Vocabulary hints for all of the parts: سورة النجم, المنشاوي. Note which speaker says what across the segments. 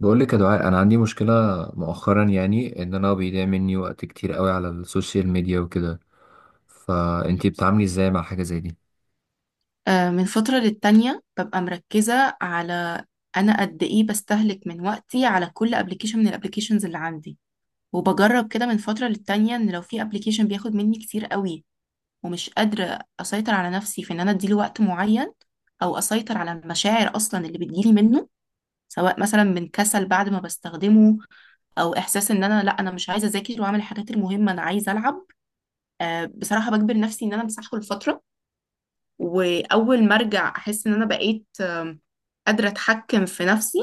Speaker 1: بقول لك يا دعاء، انا عندي مشكله مؤخرا. يعني ان انا بيضيع مني وقت كتير قوي على السوشيال ميديا وكده. فانتي بتعاملي ازاي مع حاجه زي دي؟
Speaker 2: من فترة للتانية ببقى مركزة على أنا قد إيه بستهلك من وقتي على كل ابلكيشن من الابلكيشنز اللي عندي. وبجرب كده من فترة للتانية، إن لو في ابلكيشن بياخد مني كتير قوي ومش قادرة أسيطر على نفسي في إن أنا أديله وقت معين، أو أسيطر على المشاعر أصلا اللي بتجيلي منه، سواء مثلا من كسل بعد ما بستخدمه، أو إحساس إن أنا لأ أنا مش عايزة أذاكر وأعمل الحاجات المهمة، أنا عايزة ألعب. بصراحة بجبر نفسي إن أنا أمسحه لفترة، وأول ما أرجع أحس إن أنا بقيت قادرة أتحكم في نفسي،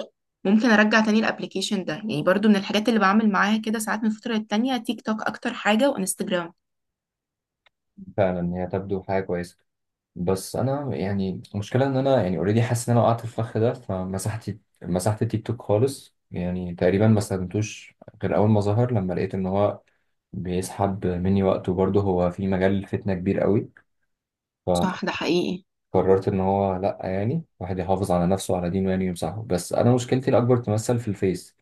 Speaker 2: ممكن أرجع تاني الأبليكيشن ده. يعني برضو من الحاجات اللي بعمل معاها كده ساعات من فترة للتانية، تيك توك أكتر حاجة، وإنستجرام.
Speaker 1: فعلا هي تبدو حاجة كويسة. بس أنا يعني المشكلة إن أنا، يعني أوريدي حاسس إن أنا وقعت في الفخ ده، فمسحت التيك توك خالص. يعني تقريبا ما استخدمتوش غير أول ما ظهر، لما لقيت إن هو بيسحب مني وقت، وبرضه هو في مجال فتنة كبير قوي.
Speaker 2: صح، ده حقيقي.
Speaker 1: قررت ان هو، لا يعني، واحد يحافظ على نفسه وعلى دينه يعني ويمسحه. بس انا مشكلتي الاكبر تمثل في الفيس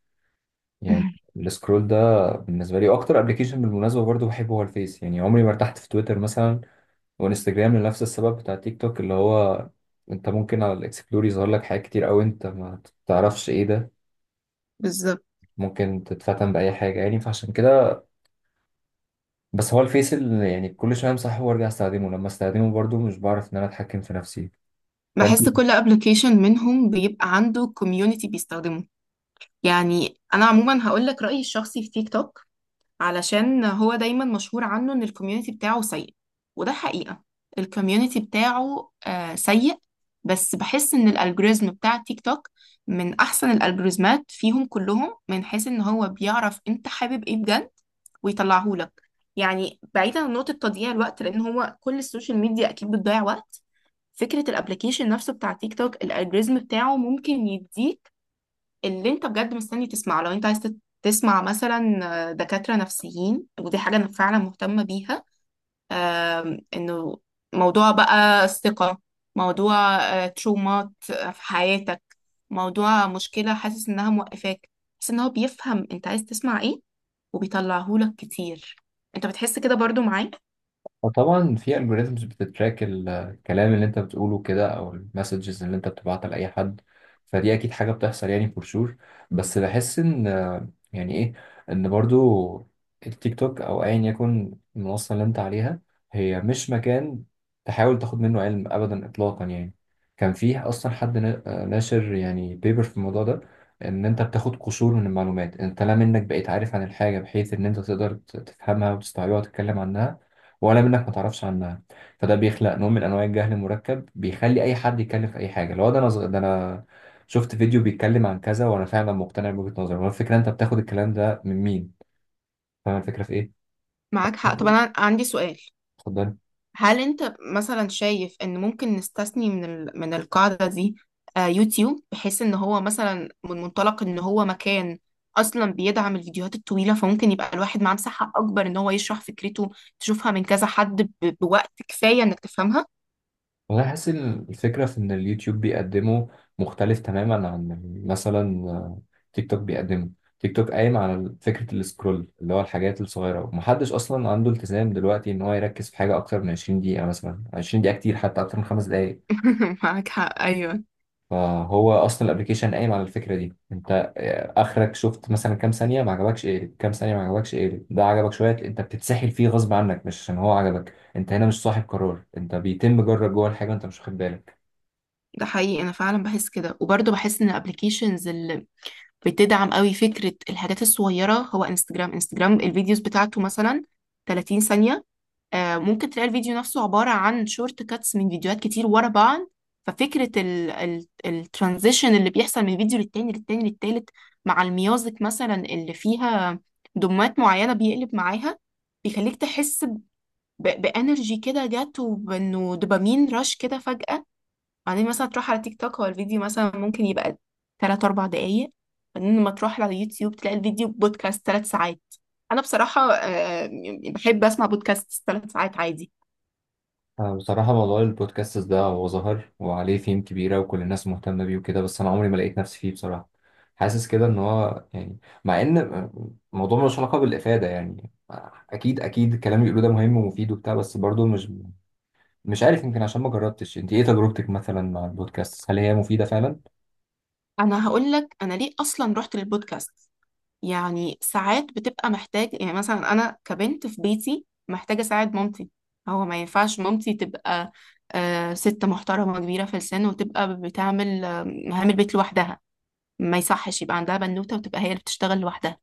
Speaker 1: يعني. السكرول ده بالنسبه لي اكتر ابلكيشن، بالمناسبه برضو بحبه، هو الفيس. يعني عمري ما ارتحت في تويتر مثلا، وانستجرام لنفس السبب بتاع تيك توك، اللي هو انت ممكن على الاكسبلور يظهر لك حاجات كتير قوي انت ما تعرفش ايه ده.
Speaker 2: بالظبط.
Speaker 1: ممكن تتفتن باي حاجه يعني، فعشان كده. بس هو الفيس اللي يعني كل شويه امسحه وارجع استخدمه، لما استخدمه برضو مش بعرف ان انا اتحكم في نفسي.
Speaker 2: بحس كل ابلكيشن منهم بيبقى عنده كوميونتي بيستخدمه. يعني انا عموما هقول لك رايي الشخصي في تيك توك، علشان هو دايما مشهور عنه ان الكوميونتي بتاعه سيء، وده حقيقة. الكوميونتي بتاعه سيء. بس بحس ان الالجوريزم بتاع تيك توك من احسن الالجوريزمات فيهم كلهم، من حيث ان هو بيعرف انت حابب ايه بجد ويطلعهولك. يعني بعيدا عن نقطة تضييع الوقت، لان هو كل السوشيال ميديا اكيد بتضيع وقت، فكرة الابليكيشن نفسه بتاع تيك توك، الالجوريزم بتاعه ممكن يديك اللي انت بجد مستني تسمعه. لو انت عايز تسمع مثلا دكاترة نفسيين، ودي حاجة انا فعلا مهتمة بيها، انه موضوع بقى الثقة، موضوع ترومات في حياتك، موضوع مشكلة حاسس انها موقفاك، حاسس ان هو بيفهم انت عايز تسمع ايه وبيطلعهولك كتير. انت بتحس كده برضو معايا؟
Speaker 1: فطبعا في algorithms بتتراك الكلام اللي انت بتقوله كده، او المسجز اللي انت بتبعتها لاي حد. فدي اكيد حاجه بتحصل يعني for sure. بس بحس ان، يعني ايه، ان برضو التيك توك او ايا يكن المنصه اللي انت عليها، هي مش مكان تحاول تاخد منه علم ابدا اطلاقا يعني. كان فيه اصلا حد ناشر يعني بيبر في الموضوع ده، ان انت بتاخد قشور من المعلومات، انت لا منك بقيت عارف عن الحاجه بحيث ان انت تقدر تفهمها وتستوعبها وتتكلم عنها، ولا منك ما تعرفش عنها. فده بيخلق نوع من انواع الجهل المركب، بيخلي اي حد يتكلم في اي حاجه. لو ده انا ده انا شفت فيديو بيتكلم عن كذا وانا فعلا مقتنع بوجهه نظري، هو الفكره انت بتاخد الكلام ده من مين؟ فاهم الفكره في ايه؟
Speaker 2: معاك حق. طب
Speaker 1: ممكن.
Speaker 2: انا عندي سؤال،
Speaker 1: اتفضل.
Speaker 2: هل انت مثلا شايف ان ممكن نستثني من من القاعدة دي يوتيوب، بحيث ان هو مثلا من منطلق ان هو مكان اصلا بيدعم الفيديوهات الطويلة، فممكن يبقى الواحد معاه مساحة اكبر ان هو يشرح فكرته، تشوفها من كذا حد بوقت كفاية انك تفهمها؟
Speaker 1: والله حاسس إن الفكره في ان اليوتيوب بيقدمه مختلف تماما عن مثلا تيك توك بيقدمه. تيك توك قايم على فكره السكرول، اللي هو الحاجات الصغيره، ومحدش اصلا عنده التزام دلوقتي ان هو يركز في حاجه اكتر من 20 دقيقه. مثلا 20 دقيقه كتير، حتى اكتر من خمس دقائق.
Speaker 2: معاك حق، ايوه.
Speaker 1: فهو اصلا الابلكيشن قايم على الفكره دي. انت اخرك شفت مثلا كام ثانيه ما عجبكش اقلب، كام ثانيه ما عجبكش اقلب، ده عجبك شويه انت بتتسحل فيه غصب عنك، مش عشان هو عجبك. انت هنا مش صاحب قرار، انت بيتم جرك جوه الحاجه انت مش واخد بالك.
Speaker 2: ده حقيقي، انا فعلا بحس كده. وبرضه بحس ان الابلكيشنز اللي بتدعم قوي فكرة الحاجات الصغيرة هو انستجرام. انستجرام الفيديوز بتاعته مثلا 30 ثانية، ممكن تلاقي الفيديو نفسه عبارة عن شورت كاتس من فيديوهات كتير ورا بعض. ففكرة الترانزيشن اللي بيحصل من فيديو للتاني للتالت، مع الميوزك مثلا اللي فيها دمات معينة بيقلب معاها، بيخليك تحس بانرجي كده جت، وبانه دوبامين رش كده فجأة. بعدين مثلا تروح على تيك توك، هو الفيديو مثلا ممكن يبقى تلات أربع دقايق. بعدين لما تروح على يوتيوب تلاقي الفيديو بودكاست ثلاث ساعات. أنا بصراحة بحب أسمع بودكاست ثلاث ساعات عادي.
Speaker 1: بصراحه موضوع البودكاست ده هو ظهر وعليه فيم كبيره وكل الناس مهتمه بيه وكده، بس انا عمري ما لقيت نفسي فيه بصراحه. حاسس كده ان هو يعني، مع ان الموضوع ملوش علاقه بالافاده يعني، اكيد اكيد الكلام اللي بيقولوه ده مهم ومفيد وبتاع، بس برضه مش عارف. يمكن عشان ما جربتش. انت ايه تجربتك مثلا مع البودكاست؟ هل هي مفيدة فعلا؟
Speaker 2: انا هقول لك انا ليه اصلا رحت للبودكاست. يعني ساعات بتبقى محتاج، يعني مثلا انا كبنت في بيتي محتاجه اساعد مامتي. هو ما ينفعش مامتي تبقى ست محترمه كبيره في السن وتبقى بتعمل مهام البيت لوحدها. ما يصحش يبقى عندها بنوته وتبقى هي اللي بتشتغل لوحدها.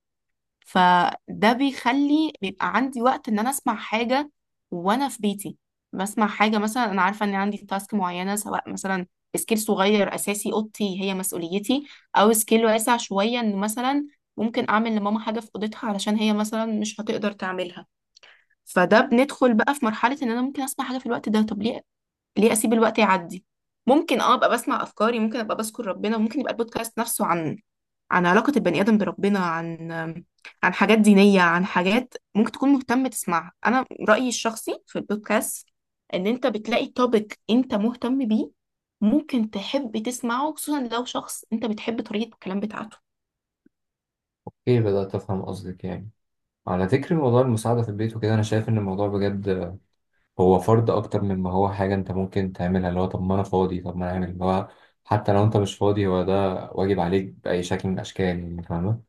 Speaker 2: فده بيخلي بيبقى عندي وقت ان انا اسمع حاجة وانا في بيتي. بسمع حاجة مثلا انا عارفة ان عندي تاسك معينة، سواء مثلا سكيل صغير اساسي اوضتي هي مسؤوليتي، او سكيل واسع شوية ان مثلا ممكن اعمل لماما حاجة في اوضتها علشان هي مثلا مش هتقدر تعملها. فده بندخل بقى في مرحلة ان انا ممكن اسمع حاجة في الوقت ده. طب ليه؟ ليه اسيب الوقت يعدي؟ ممكن اه ابقى بسمع افكاري، ممكن ابقى بذكر ربنا، ممكن يبقى البودكاست نفسه عن عن علاقة البني آدم بربنا، عن عن حاجات دينية، عن حاجات ممكن تكون مهتم تسمعها. أنا رأيي الشخصي في البودكاست إن أنت بتلاقي توبيك أنت مهتم بيه، ممكن تحب تسمعه خصوصا لو شخص أنت بتحب طريقة الكلام بتاعته.
Speaker 1: ايه، بدأت افهم قصدك يعني. على ذكر موضوع المساعدة في البيت وكده، انا شايف ان الموضوع بجد هو فرض اكتر مما هو حاجة انت ممكن تعملها، اللي هو طب ما انا فاضي طب ما انا اعمل. اللي هو حتى لو انت مش فاضي هو ده واجب عليك بأي شكل من الاشكال يعني، فاهمة؟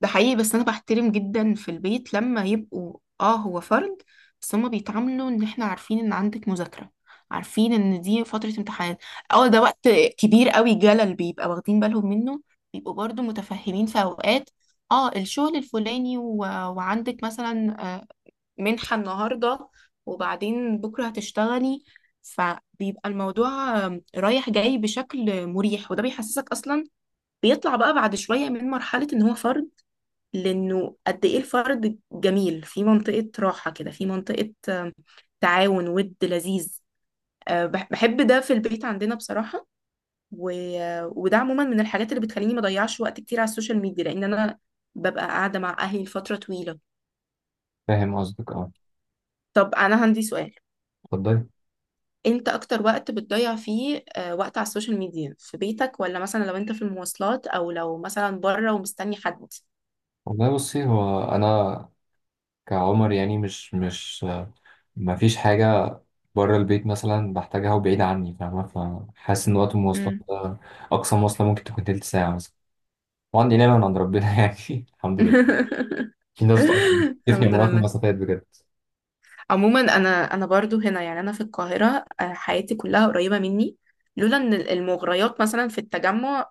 Speaker 2: ده حقيقي. بس انا بحترم جدا في البيت لما يبقوا اه هو فرد، بس هما بيتعاملوا ان احنا عارفين ان عندك مذاكرة، عارفين ان دي فترة امتحانات، اه ده وقت كبير قوي جلل بيبقى واخدين بالهم منه. بيبقوا برضو متفهمين في اوقات اه الشغل الفلاني وعندك مثلا منحة النهاردة، وبعدين بكرة هتشتغلي. فبيبقى الموضوع رايح جاي بشكل مريح، وده بيحسسك اصلا، بيطلع بقى بعد شوية من مرحلة ان هو فرد، لانه قد ايه الفرد جميل في منطقة راحة كده، في منطقة تعاون ود لذيذ. بحب ده في البيت عندنا بصراحة. و... آه، وده عموما من الحاجات اللي بتخليني ما اضيعش وقت كتير على السوشيال ميديا، لان انا ببقى قاعدة مع اهلي لفترة طويلة.
Speaker 1: فاهم قصدك، اه.
Speaker 2: طب انا عندي سؤال،
Speaker 1: اتفضلي.
Speaker 2: انت اكتر وقت بتضيع فيه وقت على السوشيال ميديا في بيتك، ولا مثلا لو انت في المواصلات، او لو مثلا بره ومستني حد؟
Speaker 1: والله بصي، هو انا كعمر يعني، مش ما فيش حاجة بره البيت مثلا بحتاجها وبعيد عني، فاهمة؟ فحاسس إن وقت المواصلات
Speaker 2: مم.
Speaker 1: ده، أقصى مواصلة ممكن تكون تلت ساعة مثلا. وعندي نعمة من عند ربنا يعني، الحمد لله. في ناس بتفني
Speaker 2: الحمد
Speaker 1: عمرها في
Speaker 2: لله.
Speaker 1: المسافات بجد.
Speaker 2: عموما انا انا برضو هنا، يعني انا في القاهره حياتي كلها قريبه مني. لولا ان المغريات مثلا في التجمع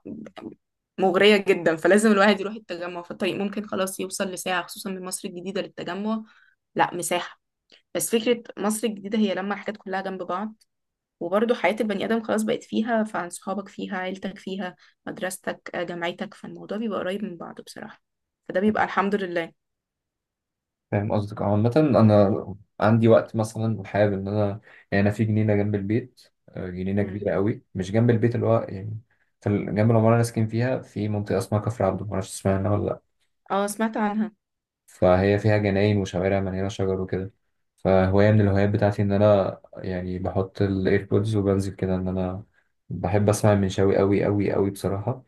Speaker 2: مغريه جدا، فلازم الواحد يروح التجمع. فالطريق ممكن خلاص يوصل لساعه، خصوصا من مصر الجديده للتجمع. لا مساحه. بس فكره مصر الجديده هي لما الحاجات كلها جنب بعض، وبرضو حياه البني ادم خلاص بقت فيها، فعن صحابك فيها، عيلتك فيها، مدرستك جامعتك، فالموضوع بيبقى قريب من بعضه بصراحه. فده بيبقى الحمد لله.
Speaker 1: فاهم قصدك. اه، عامة أنا عندي وقت مثلا وحابب إن أنا يعني، أنا في جنينة جنب البيت، جنينة كبيرة
Speaker 2: مم.
Speaker 1: قوي مش جنب البيت اللي هو يعني في جنب العمارة اللي أنا ساكن فيها، في منطقة اسمها كفر عبده، معرفش تسمعها ولا لأ.
Speaker 2: اه، سمعت عنها.
Speaker 1: فهي فيها جناين وشوارع مليانة شجر وكده. فهواية من الهوايات بتاعتي إن أنا يعني بحط الإيربودز وبنزل كده، إن أنا بحب أسمع المنشاوي أوي أوي أوي بصراحة.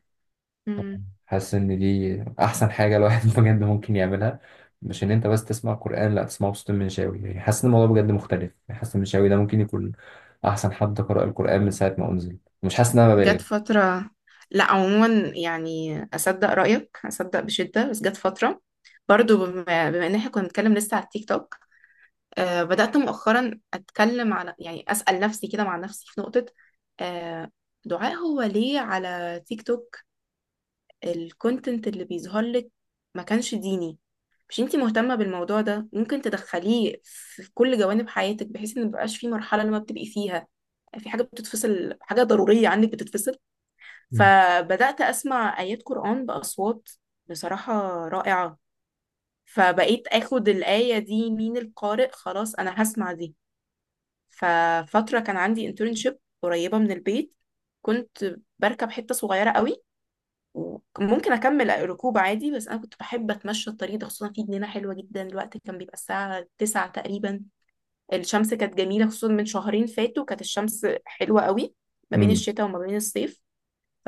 Speaker 2: مم.
Speaker 1: حاسس إن دي أحسن حاجة الواحد بجد ممكن يعملها. مش إن أنت بس تسمع قرآن، لأ، تسمعه بصوت المنشاوي. يعني حاسس إن الموضوع بجد مختلف. يعني حاسس المنشاوي ده ممكن يكون أحسن حد قرأ القرآن من ساعة ما أنزل. مش حاسس إن أنا ببالغ.
Speaker 2: جت فترة. لا، عموما يعني أصدق رأيك، أصدق بشدة. بس جت فترة برضو بما إن احنا كنا بنتكلم لسه على التيك توك، آه بدأت مؤخرا أتكلم على، يعني أسأل نفسي كده مع نفسي في نقطة، آه، دعاء هو ليه على تيك توك الكونتنت اللي بيظهر لك ما كانش ديني؟ مش انتي مهتمة بالموضوع ده؟ ممكن تدخليه في كل جوانب حياتك، بحيث ان مبقاش في مرحلة لما بتبقي فيها يعني في حاجة بتتفصل، حاجة ضرورية عنك بتتفصل. فبدأت أسمع آيات قرآن بأصوات بصراحة رائعة. فبقيت أخد الآية دي من القارئ، خلاص أنا هسمع دي. ففترة كان عندي انترنشيب قريبة من البيت، كنت بركب حتة صغيرة قوي، وممكن أكمل ركوب عادي، بس أنا كنت بحب أتمشى الطريق ده، خصوصا في جنينة حلوة جدا. الوقت كان بيبقى الساعة 9 تقريبا، الشمس كانت جميلة، خصوصا من شهرين فاتوا كانت الشمس حلوة قوي، ما بين
Speaker 1: امم،
Speaker 2: الشتاء وما بين الصيف.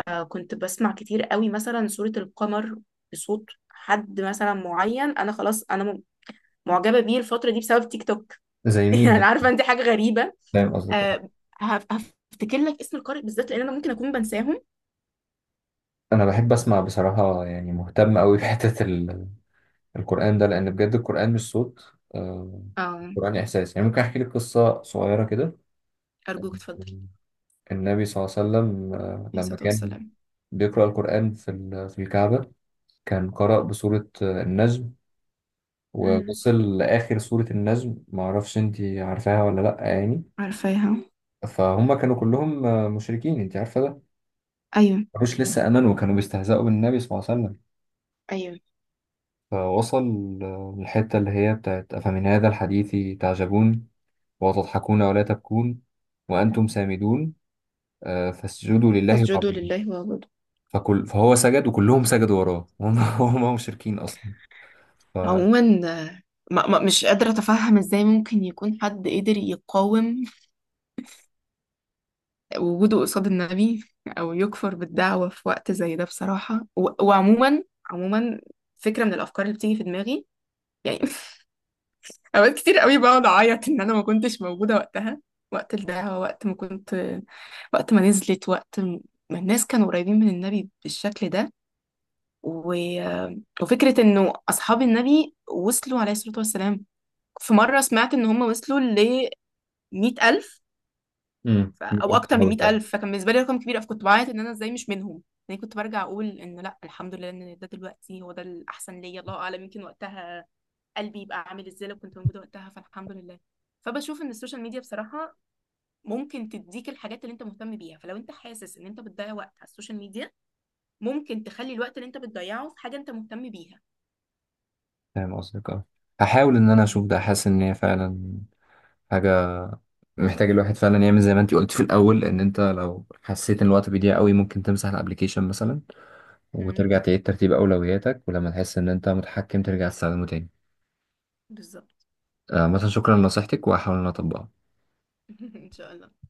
Speaker 2: كنت بسمع كتير قوي مثلا سورة القمر، بصوت حد مثلا معين انا خلاص معجبة بيه الفترة دي بسبب تيك توك.
Speaker 1: زي مين
Speaker 2: يعني
Speaker 1: مثلاً؟
Speaker 2: عارفة انت حاجة غريبة،
Speaker 1: فاهم قصدك.
Speaker 2: أه، هفتكر لك اسم القارئ بالذات، لان انا ممكن اكون بنساهم.
Speaker 1: أنا بحب أسمع بصراحة، يعني مهتم أوي بحتة القرآن ده، لأن بجد القرآن مش صوت،
Speaker 2: أه،
Speaker 1: القرآن إحساس. يعني ممكن أحكي لك قصة صغيرة كده.
Speaker 2: أرجوك اتفضل.
Speaker 1: النبي صلى الله عليه وسلم
Speaker 2: عليه
Speaker 1: لما
Speaker 2: الصلاة
Speaker 1: كان
Speaker 2: والسلام.
Speaker 1: بيقرأ القرآن في في الكعبة، كان قرأ بسورة النجم،
Speaker 2: مم.
Speaker 1: ووصل لآخر سورة النجم، معرفش أنت عارفاها ولا لأ يعني.
Speaker 2: عارفاها.
Speaker 1: فهم كانوا كلهم مشركين، أنت عارفة ده،
Speaker 2: ايوه.
Speaker 1: مش لسه آمنوا، وكانوا بيستهزئوا بالنبي صلى الله عليه وسلم.
Speaker 2: ايوه.
Speaker 1: فوصل الحتة اللي هي بتاعت أفمن هذا الحديث تعجبون وتضحكون ولا تبكون وأنتم سامدون فاسجدوا لله
Speaker 2: فاسجدوا
Speaker 1: واعبدوا.
Speaker 2: لله واعبدوا.
Speaker 1: فكل فهو سجد، وكلهم سجدوا وراه وهم هم مشركين أصلا. ف،
Speaker 2: عموما مش قادرة أتفهم إزاي ممكن يكون حد قدر يقاوم وجوده قصاد النبي، او يكفر بالدعوة في وقت زي ده بصراحة. وعموما، عموما، فكرة من الافكار اللي بتيجي في دماغي يعني، اوقات كتير قوي بقعد اعيط ان انا ما كنتش موجودة وقتها. وقت الدعوة، وقت ما كنت، وقت ما نزلت، وقت ما الناس كانوا قريبين من النبي بالشكل ده. و... وفكرة انه اصحاب النبي وصلوا عليه الصلاة والسلام، في مرة سمعت ان هم وصلوا ل 100,000،
Speaker 1: امم،
Speaker 2: او
Speaker 1: يبقى
Speaker 2: اكتر من
Speaker 1: بتحاول فعلا.
Speaker 2: 100,000، فكان بالنسبه لي رقم كبير. فكنت بعيط ان انا ازاي مش منهم. يعني كنت برجع اقول ان لا الحمد لله ان ده دلوقتي هو ده الاحسن ليا، الله اعلم يمكن وقتها قلبي يبقى عامل ازاي لو كنت موجوده وقتها، فالحمد لله. فبشوف ان السوشيال ميديا بصراحه ممكن تديك الحاجات اللي انت مهتم بيها. فلو انت حاسس ان انت بتضيع وقت على السوشيال ميديا، ممكن تخلي الوقت اللي انت بتضيعه في حاجه انت مهتم بيها.
Speaker 1: فاهم قصدك، اه. هحاول ان انا اشوف ده. حاسس ان هي فعلا حاجه محتاج الواحد فعلا يعمل، زي ما انت قلت في الاول، ان انت لو حسيت ان الوقت بيضيع قوي ممكن تمسح الابليكيشن مثلا،
Speaker 2: امم.
Speaker 1: وترجع تعيد ترتيب اولوياتك، ولما تحس ان انت متحكم ترجع تستخدمه تاني.
Speaker 2: بالظبط.
Speaker 1: آه، مثلا شكرا لنصيحتك، وهحاول ان أنا اطبقها.
Speaker 2: ان شاء الله.